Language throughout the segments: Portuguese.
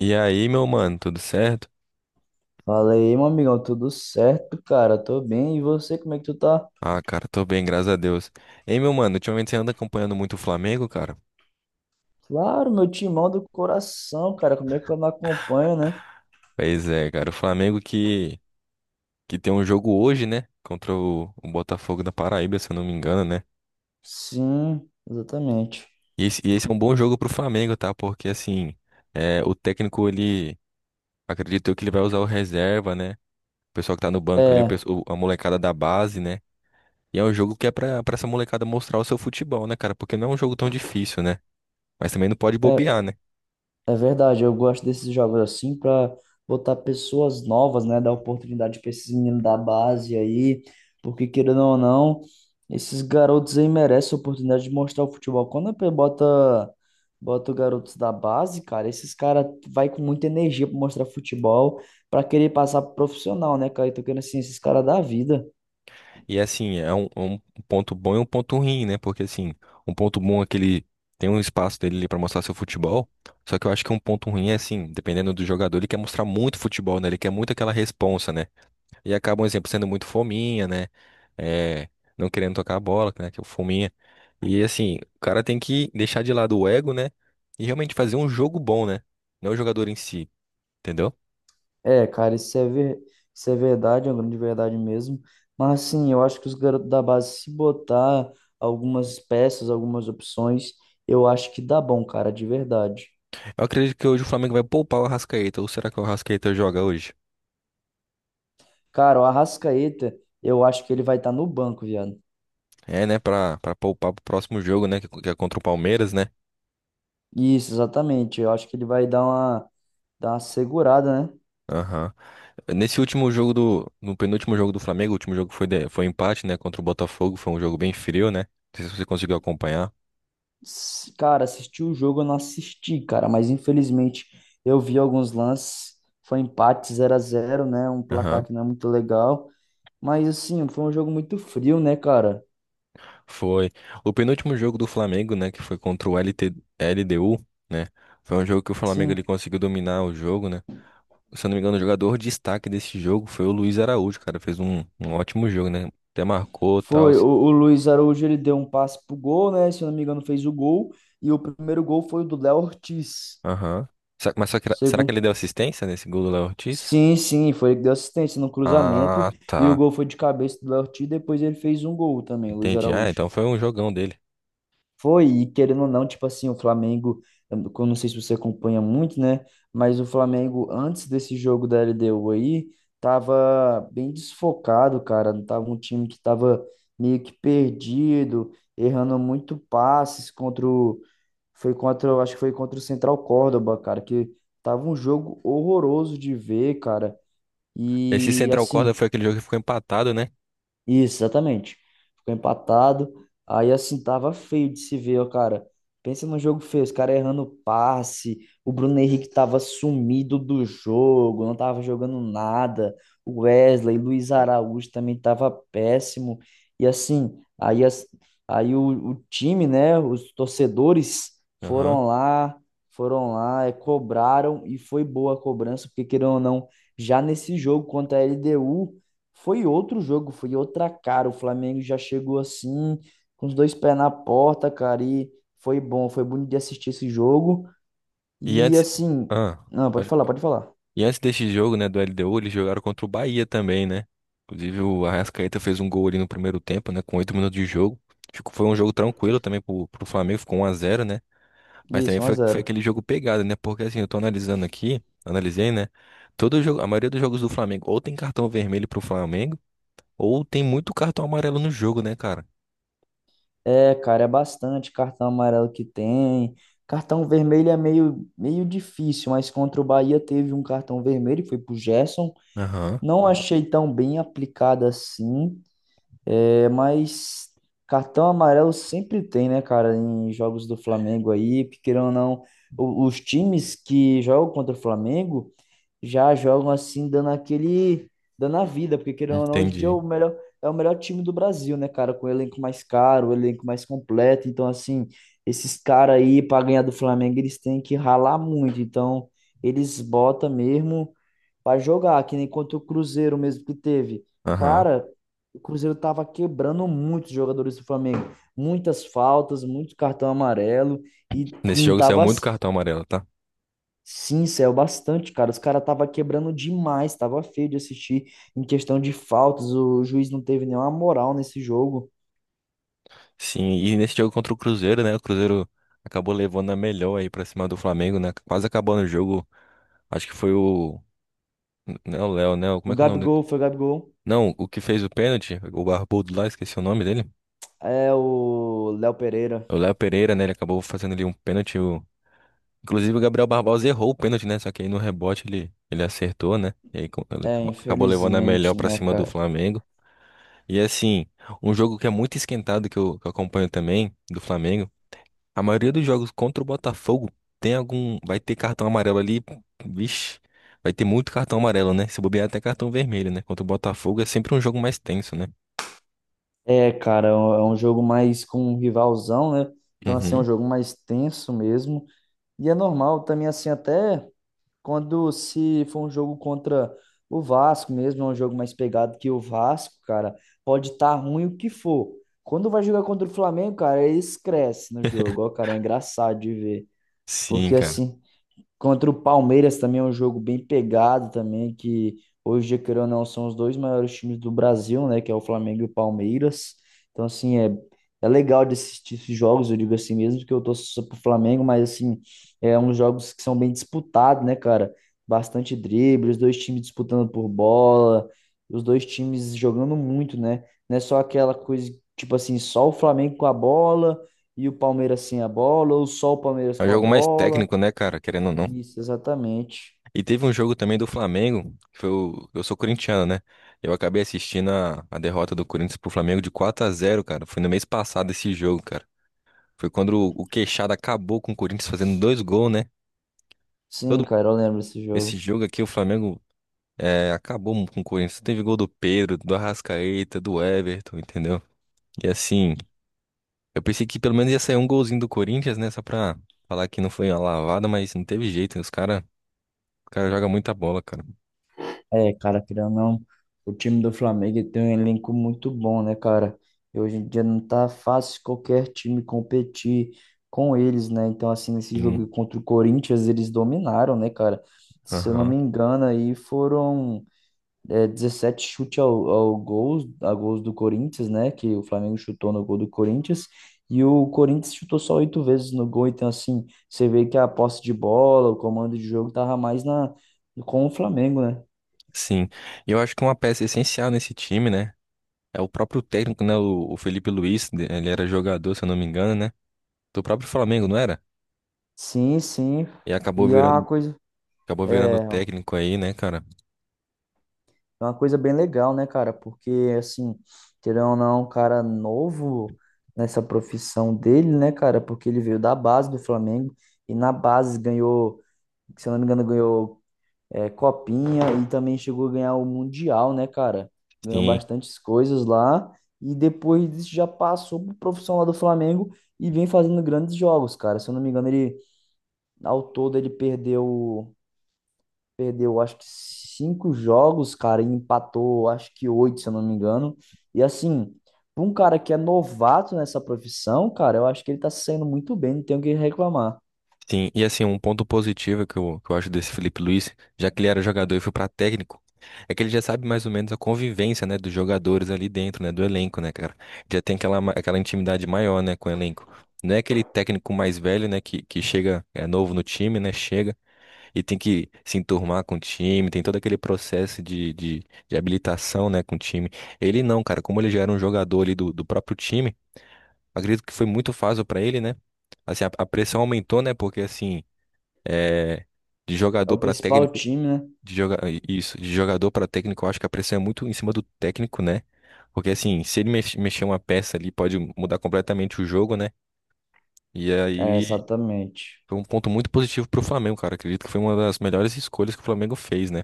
E aí, meu mano, tudo certo? Fala aí, meu amigão, tudo certo, cara? Tô bem. E você, como é que tu tá? Ah, cara, tô bem, graças a Deus. Ei, meu mano, ultimamente você anda acompanhando muito o Flamengo, cara? Claro, meu timão do coração, cara. Como é que eu não acompanho, né? Pois é, cara, o Flamengo que tem um jogo hoje, né? Contra o Botafogo da Paraíba, se eu não me engano, né? Sim, exatamente. E esse é um bom jogo pro Flamengo, tá? Porque, assim, o técnico, ele, acredito eu que ele vai usar o reserva, né? O pessoal que tá no banco ali, É, a molecada da base, né? E é um jogo que é pra essa molecada mostrar o seu futebol, né, cara? Porque não é um jogo tão difícil, né? Mas também não pode é. bobear, né? É verdade, eu gosto desses jogos assim para botar pessoas novas, né? Dar oportunidade para esses meninos da base aí, porque querendo ou não, esses garotos aí merecem a oportunidade de mostrar o futebol. Quando a P bota os garotos da base, cara, esses caras vai com muita energia para mostrar futebol, para querer passar pro profissional, né, cara? Então, querendo assim, esses caras da vida. E assim, é um ponto bom e um ponto ruim, né? Porque assim, um ponto bom é que ele tem um espaço dele para mostrar seu futebol. Só que eu acho que um ponto ruim é assim, dependendo do jogador, ele quer mostrar muito futebol, né? Ele quer muito aquela responsa, né? E acaba, um exemplo, sendo muito fominha, né? É, não querendo tocar a bola, né? Que é o fominha. E assim, o cara tem que deixar de lado o ego, né? E realmente fazer um jogo bom, né? Não o jogador em si, entendeu? É, cara, isso é verdade, é uma grande verdade mesmo. Mas, assim, eu acho que os garotos da base, se botar algumas peças, algumas opções, eu acho que dá bom, cara, de verdade. Eu acredito que hoje o Flamengo vai poupar o Arrascaeta. Ou será que o Arrascaeta joga hoje? Cara, o Arrascaeta, eu acho que ele vai estar no banco, viado. É, né, pra poupar pro próximo jogo, né, que é contra o Palmeiras, né? Isso, exatamente. Eu acho que ele vai dar uma segurada, né? Aham. Nesse último jogo do, no penúltimo jogo do Flamengo, o último jogo foi, foi empate, né, contra o Botafogo, foi um jogo bem frio, né? Não sei se você conseguiu acompanhar. Cara, assistir o jogo eu não assisti, cara, mas infelizmente eu vi alguns lances. Foi empate 0-0, né? Um placar Aham. que não é muito legal. Mas assim, foi um jogo muito frio, né, cara? Foi. O penúltimo jogo do Flamengo, né, que foi contra o L D U né? Foi um jogo que o Flamengo ele Sim. conseguiu dominar o jogo, né? Se eu não me engano, o jogador destaque desse jogo foi o Luiz Araújo, cara, fez um ótimo jogo, né? Até marcou, tal. Foi. O Luiz Araújo ele deu um passe pro gol, né? Se eu não me engano, fez o gol. E o primeiro gol foi o do Léo Ortiz. Aham. Mas será que ele Segundo. deu assistência nesse gol do Léo Ortiz? Sim, sim, foi ele que deu assistência no cruzamento. Ah, E o tá. gol foi de cabeça do Léo Ortiz. Depois ele fez um gol também, o Luiz Entendi. Ah, Araújo. então foi um jogão dele. Foi, e querendo ou não, tipo assim, o Flamengo, eu não sei se você acompanha muito, né? Mas o Flamengo, antes desse jogo da LDU aí, tava bem desfocado, cara. Não tava um time que tava meio que perdido, errando muito passes contra o. Foi contra, eu acho que foi contra o Central Córdoba, cara, que tava um jogo horroroso de ver, cara. Esse E Central Corda assim. foi aquele jogo que ficou empatado, né? Isso, exatamente. Ficou empatado. Aí assim, tava feio de se ver, ó, cara. Pensa num jogo feio, os caras errando passe. O Bruno Henrique tava sumido do jogo, não tava jogando nada. O Wesley, Luiz Araújo também tava péssimo. E assim, aí, o time, né, os torcedores Aham. foram lá, foram lá, cobraram e foi boa a cobrança, porque querendo ou não, já nesse jogo contra a LDU. Foi outro jogo, foi outra cara. O Flamengo já chegou assim, com os dois pés na porta, cara, e foi bom, foi bonito de assistir esse jogo. E E antes. assim, Ah, não, pode pode- falar, pode falar. e antes desse jogo, né, do LDU, eles jogaram contra o Bahia também, né? Inclusive o Arrascaeta fez um gol ali no primeiro tempo, né? Com 8 minutos de jogo. Ficou, foi um jogo tranquilo também pro Flamengo, ficou 1-0, né? Mas também Isso, um a foi zero aquele jogo pegado, né? Porque assim, eu tô analisando aqui, analisei, né? Todo jogo, a maioria dos jogos do Flamengo ou tem cartão vermelho pro Flamengo, ou tem muito cartão amarelo no jogo, né, cara? É, cara, é bastante cartão amarelo que tem. Cartão vermelho é meio, meio difícil, mas contra o Bahia teve um cartão vermelho, foi pro Gerson. Aham. Não achei tão bem aplicado assim, é, mas cartão amarelo sempre tem, né, cara, em jogos do Flamengo aí, porque querendo ou não, os times que jogam contra o Flamengo já jogam assim, dando a vida, porque querendo ou não, hoje em dia é o Entendi. melhor, é o melhor time do Brasil, né, cara, com o elenco mais caro, o elenco mais completo, então assim, esses caras aí, para ganhar do Flamengo, eles têm que ralar muito, então eles botam mesmo pra jogar, que nem contra o Cruzeiro mesmo que teve. Aham. Cara, o Cruzeiro tava quebrando muitos jogadores do Flamengo. Muitas faltas, muito cartão amarelo e Nesse não jogo saiu tava. muito cartão amarelo, tá? Sim, saiu bastante, cara. Os caras tava quebrando demais, tava feio de assistir em questão de faltas. O juiz não teve nenhuma moral nesse jogo. Sim, e nesse jogo contra o Cruzeiro, né? O Cruzeiro acabou levando a melhor aí pra cima do Flamengo, né? Quase acabou no jogo. Acho que foi o. Não é o Léo, né? Como O é que é o nome Gabigol dele? foi o Gabigol. Não, o que fez o pênalti, o barbudo lá, esqueci o nome dele. É o Léo Pereira. O Léo Pereira, né? Ele acabou fazendo ali um pênalti. Inclusive o Gabriel Barbosa errou o pênalti, né? Só que aí no rebote ele acertou, né? E aí ele É, acabou levando a melhor infelizmente, pra né, cima do cara? Flamengo. E assim, um jogo que é muito esquentado que eu acompanho também, do Flamengo, a maioria dos jogos contra o Botafogo tem algum. Vai ter cartão amarelo ali. Vixe, vai ter muito cartão amarelo, né? Se bobear até cartão vermelho, né? Contra o Botafogo é sempre um jogo mais tenso, né? É, cara, é um jogo mais com um rivalzão, né? Então, assim, é um Uhum. jogo mais tenso mesmo. E é normal também, assim, até quando se for um jogo contra o Vasco mesmo, é um jogo mais pegado que o Vasco, cara, pode estar ruim o que for. Quando vai jogar contra o Flamengo, cara, eles crescem no jogo, ó, cara, é engraçado de ver. Sim, Porque, cara. assim, contra o Palmeiras também é um jogo bem pegado também, que hoje, dia, querendo ou não, são os dois maiores times do Brasil, né? Que é o Flamengo e o Palmeiras. Então, assim, é legal de assistir esses jogos, eu digo assim mesmo, que eu torço só pro Flamengo, mas, assim, é uns jogos que são bem disputados, né, cara? Bastante drible, os dois times disputando por bola, os dois times jogando muito, né? Não é só aquela coisa, tipo assim, só o Flamengo com a bola e o Palmeiras sem a bola, ou só o Palmeiras É um com a jogo mais bola. técnico, né, cara? Querendo ou não. Isso, exatamente. E teve um jogo também do Flamengo, eu sou corintiano, né? Eu acabei assistindo a derrota do Corinthians pro Flamengo de 4-0, cara. Foi no mês passado esse jogo, cara. Foi quando o Queixada acabou com o Corinthians fazendo dois gols, né? Sim, Todo cara, eu lembro desse esse jogo. jogo aqui, o Flamengo acabou com o Corinthians. Teve gol do Pedro, do Arrascaeta, do Everton, entendeu? E assim, eu pensei que pelo menos ia sair um golzinho do Corinthians, né? Só pra falar que não foi uma lavada, mas não teve jeito. Os cara, o cara joga muita bola, cara. É, cara, querendo ou não, o time do Flamengo tem um elenco muito bom, né, cara? E hoje em dia não tá fácil qualquer time competir com eles, né? Então, assim, nesse jogo Sim. contra o Corinthians, eles dominaram, né, cara? Se eu não Aham. me engano, aí foram, 17 chute a gols do Corinthians, né? Que o Flamengo chutou no gol do Corinthians. E o Corinthians chutou só oito vezes no gol. Então, assim, você vê que a posse de bola, o comando de jogo tava mais com o Flamengo, né? Sim. E eu acho que uma peça essencial nesse time, né? É o próprio técnico, né? O Felipe Luiz, ele era jogador, se eu não me engano, né? Do próprio Flamengo, não era? Sim, sim. E acabou E é uma virando coisa, Acabou virando é técnico aí, né, cara? é uma coisa bem legal, né, cara? Porque, assim, querendo ou não, um cara novo nessa profissão dele, né, cara? Porque ele veio da base do Flamengo e na base ganhou, se eu não me engano, ganhou Copinha e também chegou a ganhar o Mundial, né, cara? Ganhou Sim, bastantes coisas lá e depois disso já passou pro profissional do Flamengo e vem fazendo grandes jogos, cara. Se eu não me engano, ele ao todo ele perdeu acho que cinco jogos, cara, e empatou acho que oito, se eu não me engano. E assim, para um cara que é novato nessa profissão, cara, eu acho que ele tá saindo muito bem, não tenho o que reclamar. sim. E assim, um ponto positivo que eu acho desse Felipe Luiz, já que ele era jogador e foi pra técnico, é que ele já sabe mais ou menos a convivência, né, dos jogadores ali dentro, né, do elenco, né, cara? Já tem aquela intimidade maior, né, com o elenco. Não é aquele técnico mais velho, né, que chega, é novo no time, né, chega e tem que se enturmar com o time, tem todo aquele processo de habilitação, né, com o time. Ele não, cara, como ele já era um jogador ali do próprio time. Acredito que foi muito fácil para ele, né? Assim, a pressão aumentou, né? Porque assim, é, de É o jogador para principal técnico, time, né? de joga... isso, de jogador para técnico, eu acho que a pressão é muito em cima do técnico, né? Porque assim, se ele mexer uma peça ali, pode mudar completamente o jogo, né? E É, aí exatamente. foi um ponto muito positivo pro Flamengo, cara. Acredito que foi uma das melhores escolhas que o Flamengo fez, né?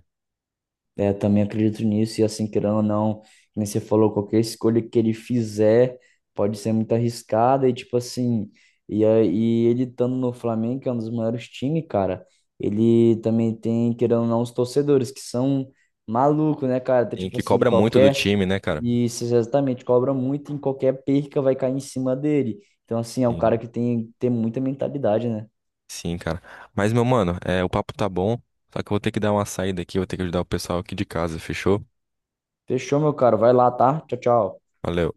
É, também acredito nisso, e assim, querendo ou não, como você falou, qualquer escolha que ele fizer pode ser muito arriscada, e tipo assim, aí ele estando no Flamengo, que é um dos maiores times, cara, ele também tem, querendo ou não, os torcedores, que são malucos, né, cara? Tá, E tipo que assim, cobra muito do qualquer, time, né, cara? e isso exatamente, cobra muito, em qualquer perca vai cair em cima dele. Então, assim, é um cara Sim, que tem muita mentalidade, né? sim, cara. Mas, meu mano, o papo tá bom, só que eu vou ter que dar uma saída aqui, eu vou ter que ajudar o pessoal aqui de casa, fechou? Fechou, meu cara vai lá, tá? Tchau, tchau. Valeu.